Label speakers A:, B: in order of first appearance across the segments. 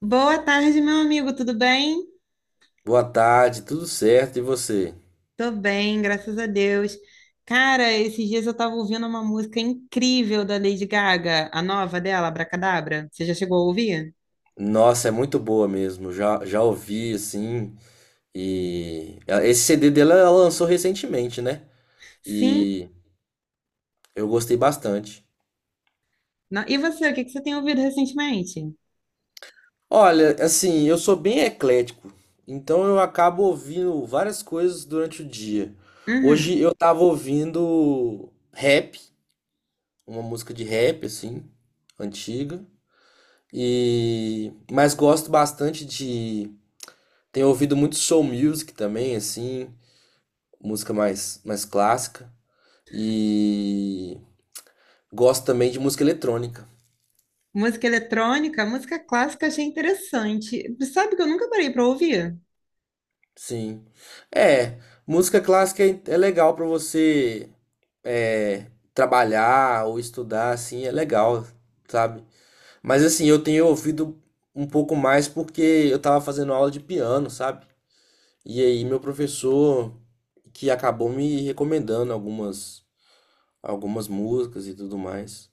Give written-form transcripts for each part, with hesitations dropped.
A: Boa tarde, meu amigo, tudo bem?
B: Boa tarde, tudo certo? E você?
A: Tô bem, graças a Deus. Cara, esses dias eu tava ouvindo uma música incrível da Lady Gaga, a nova dela, Abracadabra. Você já chegou a ouvir?
B: Nossa, é muito boa mesmo. Já ouvi assim. E esse CD dela ela lançou recentemente, né?
A: Sim.
B: E eu gostei bastante.
A: E você, o que que você tem ouvido recentemente?
B: Olha, assim, eu sou bem eclético, então eu acabo ouvindo várias coisas durante o dia.
A: Uhum.
B: Hoje eu tava ouvindo rap, uma música de rap assim, antiga. E mas gosto bastante de tenho ouvido muito soul music também, assim. Música mais clássica. E gosto também de música eletrônica.
A: Música eletrônica, música clássica, achei interessante. Sabe que eu nunca parei pra ouvir?
B: Sim. É, música clássica é legal pra você, é, trabalhar ou estudar, assim, é legal, sabe? Mas assim, eu tenho ouvido um pouco mais porque eu tava fazendo aula de piano, sabe? E aí meu professor que acabou me recomendando algumas músicas e tudo mais.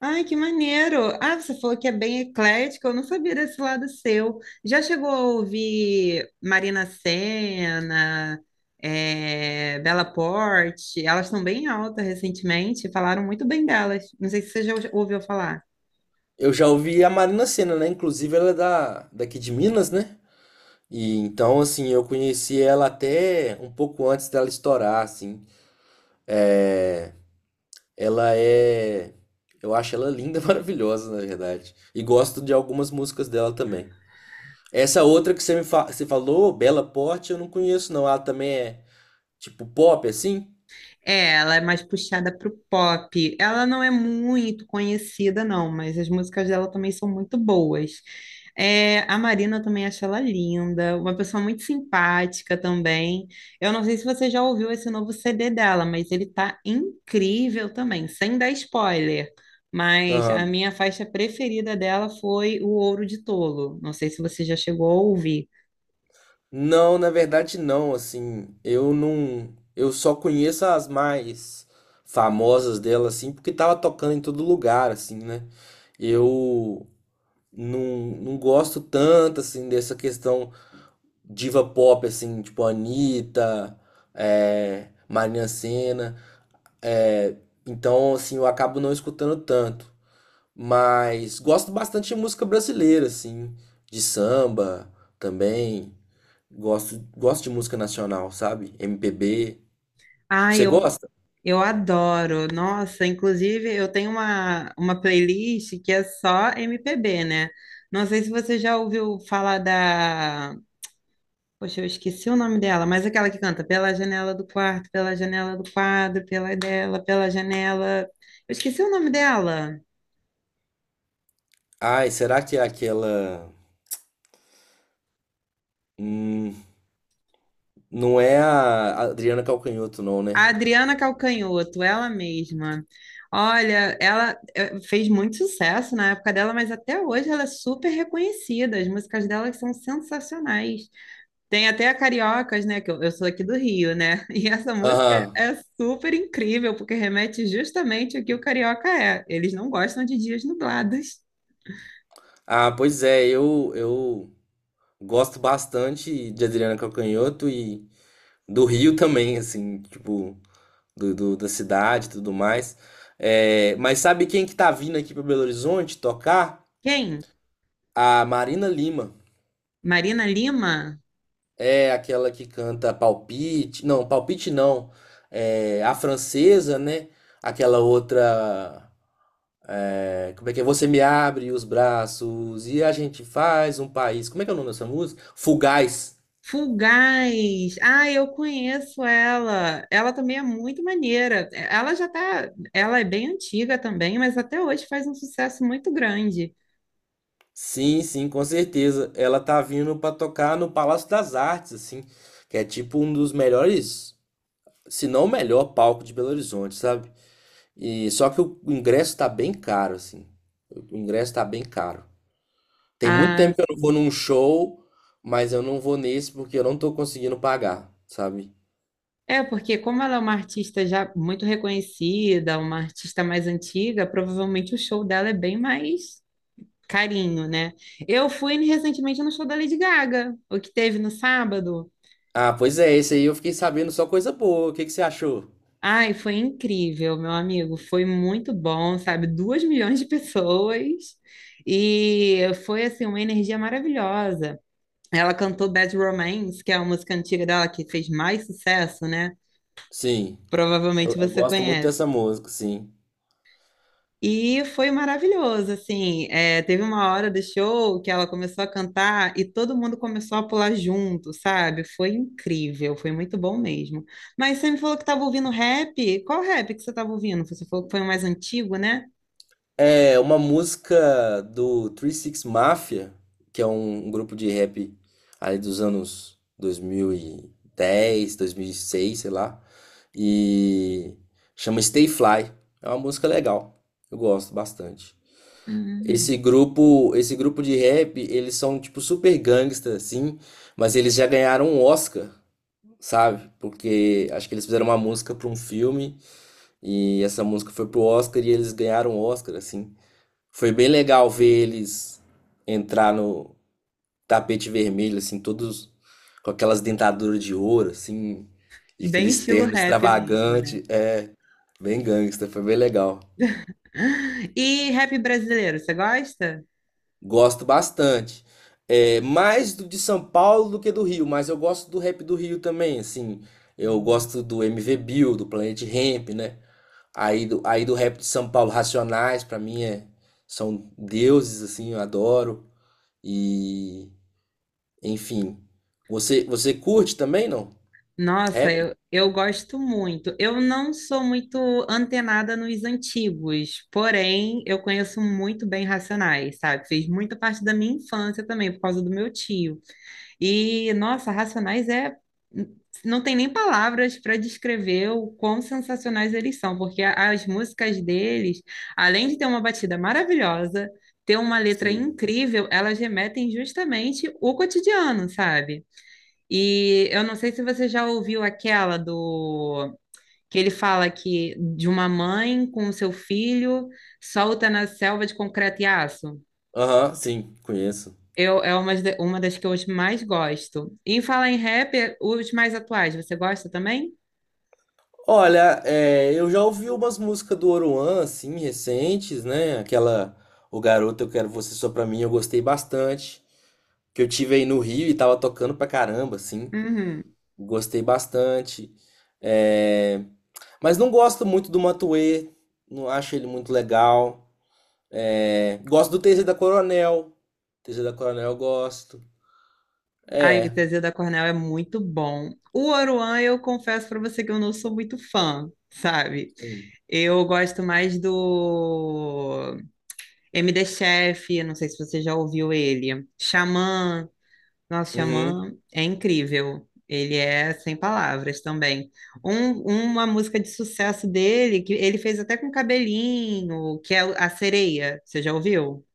A: Ai, que maneiro! Ah, você falou que é bem eclético, eu não sabia desse lado seu. Já chegou a ouvir Marina Sena, Bela Porte? Elas estão bem alta recentemente, falaram muito bem delas. Não sei se você já ouviu falar.
B: Eu já ouvi a Marina Sena, né? Inclusive ela é daqui de Minas, né? E então, assim, eu conheci ela até um pouco antes dela estourar, assim. Ela é. Eu acho ela linda, maravilhosa, na verdade. E gosto de algumas músicas dela também. Essa outra que você você falou, Bela Porte, eu não conheço, não. Ela também é tipo pop, assim?
A: É, ela é mais puxada pro pop. Ela não é muito conhecida, não, mas as músicas dela também são muito boas. É, a Marina eu também acho ela linda, uma pessoa muito simpática também. Eu não sei se você já ouviu esse novo CD dela, mas ele tá incrível também, sem dar spoiler. Mas a minha faixa preferida dela foi O Ouro de Tolo. Não sei se você já chegou a ouvir.
B: Não, na verdade não, assim, eu não, eu só conheço as mais famosas dela, assim, porque tava tocando em todo lugar, assim, né? Eu não, não gosto tanto, assim, dessa questão diva pop, assim, tipo Anitta, é, Marina Sena, é, então, assim, eu acabo não escutando tanto, mas gosto bastante de música brasileira, assim, de samba também. Gosto de música nacional, sabe? MPB.
A: Ah,
B: Você gosta?
A: eu adoro. Nossa, inclusive eu tenho uma playlist que é só MPB, né? Não sei se você já ouviu falar da. Poxa, eu esqueci o nome dela, mas aquela que canta Pela janela do quarto, pela janela do quadro, pela dela, pela janela. Eu esqueci o nome dela.
B: Ai, será que é aquela. Hum, não é a Adriana Calcanhoto, não,
A: A
B: né?
A: Adriana Calcanhoto, ela mesma. Olha, ela fez muito sucesso na época dela, mas até hoje ela é super reconhecida. As músicas dela são sensacionais. Tem até a Cariocas, né? Que eu sou aqui do Rio, né? E essa música
B: Aham.
A: é super incrível, porque remete justamente ao que o carioca é. Eles não gostam de dias nublados.
B: Ah, pois é, eu gosto bastante de Adriana Calcanhoto e do Rio também, assim, tipo, da cidade e tudo mais. É, mas sabe quem que tá vindo aqui para Belo Horizonte tocar?
A: Quem?
B: A Marina Lima.
A: Marina Lima?
B: É aquela que canta Palpite. Não, Palpite não. É a francesa, né? Aquela outra. É, como é que é? Você me abre os braços e a gente faz um país. Como é que é o nome dessa música? Fugaz.
A: Fulgaz! Ah, eu conheço ela. Ela também é muito maneira. Ela já tá. Ela é bem antiga também, mas até hoje faz um sucesso muito grande.
B: Sim, sim, com certeza. Ela tá vindo pra tocar no Palácio das Artes, assim. Que é tipo um dos melhores, se não o melhor palco de Belo Horizonte, sabe? E só que o ingresso tá bem caro, assim. O ingresso tá bem caro. Tem muito
A: Ah,
B: tempo que eu não vou num show, mas eu não vou nesse porque eu não tô conseguindo pagar, sabe?
A: é, porque como ela é uma artista já muito reconhecida, uma artista mais antiga, provavelmente o show dela é bem mais carinho, né? Eu fui recentemente no show da Lady Gaga, o que teve no sábado.
B: Ah, pois é, esse aí eu fiquei sabendo só coisa boa. O que que você achou?
A: Ai, foi incrível, meu amigo. Foi muito bom, sabe? 2 milhões de pessoas. E foi, assim, uma energia maravilhosa. Ela cantou Bad Romance, que é a música antiga dela que fez mais sucesso, né?
B: Sim,
A: Provavelmente
B: eu
A: você
B: gosto muito
A: conhece.
B: dessa música, sim.
A: E foi maravilhoso, assim, é, teve uma hora do show que ela começou a cantar e todo mundo começou a pular junto, sabe? Foi incrível, foi muito bom mesmo. Mas você me falou que estava ouvindo rap, qual rap que você estava ouvindo? Você falou que foi o mais antigo, né?
B: É uma música do 36 Mafia, que é um grupo de rap ali dos anos 2010, 2006, sei lá. E chama Stay Fly. É uma música legal. Eu gosto bastante.
A: Hum,
B: Esse grupo de rap, eles são tipo super gangsta, assim, mas eles já ganharam um Oscar, sabe? Porque acho que eles fizeram uma música para um filme e essa música foi pro Oscar e eles ganharam um Oscar, assim. Foi bem legal ver eles entrar no tapete vermelho, assim, todos com aquelas dentaduras de ouro, assim, e
A: bem
B: aquele
A: estilo
B: terno
A: rap mesmo.
B: extravagante, é, bem gangsta, foi bem legal.
A: E rap brasileiro, você gosta?
B: Gosto bastante. É, mais do de São Paulo do que do Rio, mas eu gosto do rap do Rio também, assim. Eu gosto do MV Bill, do Planet Hemp, né? Aí do rap de São Paulo, Racionais, pra mim são deuses, assim, eu adoro. E, enfim. Você curte também, não?
A: Nossa,
B: Rap?
A: eu gosto muito. Eu não sou muito antenada nos antigos, porém eu conheço muito bem Racionais, sabe? Fez muita parte da minha infância também, por causa do meu tio. E, nossa, Racionais é. Não tem nem palavras para descrever o quão sensacionais eles são, porque as músicas deles, além de ter uma batida maravilhosa, ter uma letra
B: Sim.
A: incrível, elas remetem justamente o cotidiano, sabe? E eu não sei se você já ouviu aquela do que ele fala que de uma mãe com o seu filho solta na selva de concreto e aço.
B: Aham, sim, conheço.
A: Eu, é uma das que eu mais gosto. E em falar em rap, os mais atuais, você gosta também?
B: Olha, é, eu já ouvi umas músicas do Oruan, assim, recentes, né? Aquela O Garoto Eu Quero Você Só Pra Mim, eu gostei bastante. Que eu tive aí no Rio e tava tocando pra caramba, assim.
A: Uhum.
B: Gostei bastante. É, mas não gosto muito do Matuê, não acho ele muito legal. É, gosto do TZ da Coronel. TZ da Coronel eu gosto.
A: Ai, o
B: É.
A: Teseu da Cornel é muito bom. O Oruan, eu confesso para você que eu não sou muito fã, sabe?
B: Sim.
A: Eu gosto mais do MD Chef, não sei se você já ouviu ele. Xamã. Nosso
B: Uhum.
A: xamã é incrível. Ele é sem palavras também. Uma música de sucesso dele, que ele fez até com cabelinho, que é A Sereia. Você já ouviu?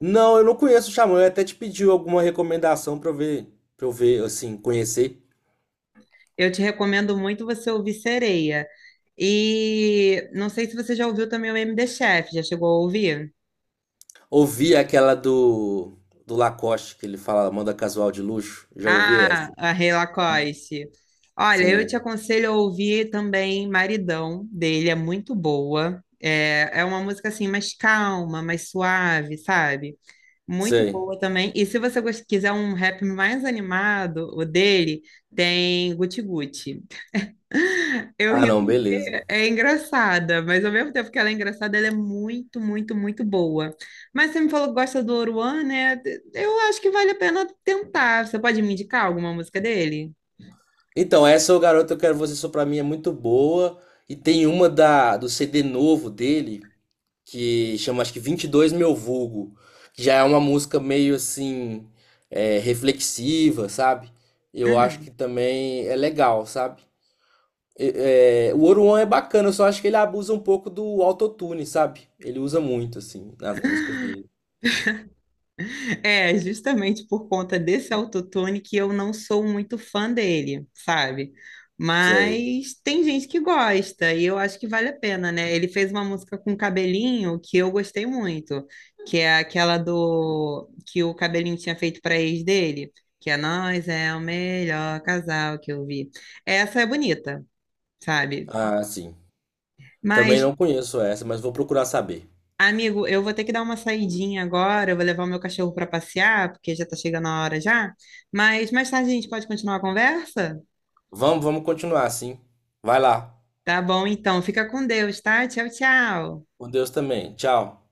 B: Não, eu não conheço o Xamã, eu até te pedi alguma recomendação pra eu ver, assim, conhecer.
A: Eu te recomendo muito você ouvir Sereia. E não sei se você já ouviu também o MD Chef. Já chegou a ouvir?
B: Ouvi aquela do Lacoste, que ele fala moda casual de luxo. Já ouvi
A: Ah,
B: essa.
A: a Rei Lacoste. Olha, eu te
B: Sim,
A: aconselho a ouvir também Maridão dele, é muito boa. É, é uma música assim mais calma, mais suave, sabe? Muito
B: sei.
A: boa também. E se você quiser um rap mais animado, o dele, tem Guti Guti. Eu
B: Ah,
A: ri
B: não, beleza.
A: porque é engraçada, mas ao mesmo tempo que ela é engraçada, ela é muito, muito, muito boa. Mas você me falou que gosta do Oruan, né? Eu acho que vale a pena tentar. Você pode me indicar alguma música dele?
B: Então, essa é o Garoto Eu Quero Você Só Pra Mim é muito boa. E tem uma do CD novo dele, que chama acho que 22 Meu Vulgo, que já é uma música meio assim, é, reflexiva, sabe? Eu acho
A: Mhm.
B: que também é legal, sabe? É, o Oruan é bacana, eu só acho que ele abusa um pouco do autotune, sabe? Ele usa muito, assim, nas músicas dele.
A: É, justamente por conta desse autotune que eu não sou muito fã dele, sabe?
B: Sei.
A: Mas tem gente que gosta e eu acho que vale a pena, né? Ele fez uma música com cabelinho que eu gostei muito, que é aquela do que o cabelinho tinha feito para ex dele, que é Nós é o melhor casal que eu vi. Essa é bonita, sabe?
B: Ah, sim. Também
A: Mas
B: não conheço essa, mas vou procurar saber.
A: amigo, eu vou ter que dar uma saidinha agora, eu vou levar o meu cachorro para passear, porque já tá chegando a hora já. Mas mais tarde a gente pode continuar a conversa?
B: Vamos, vamos continuar assim. Vai lá.
A: Tá bom, então. Fica com Deus, tá? Tchau, tchau.
B: Com Deus também. Tchau.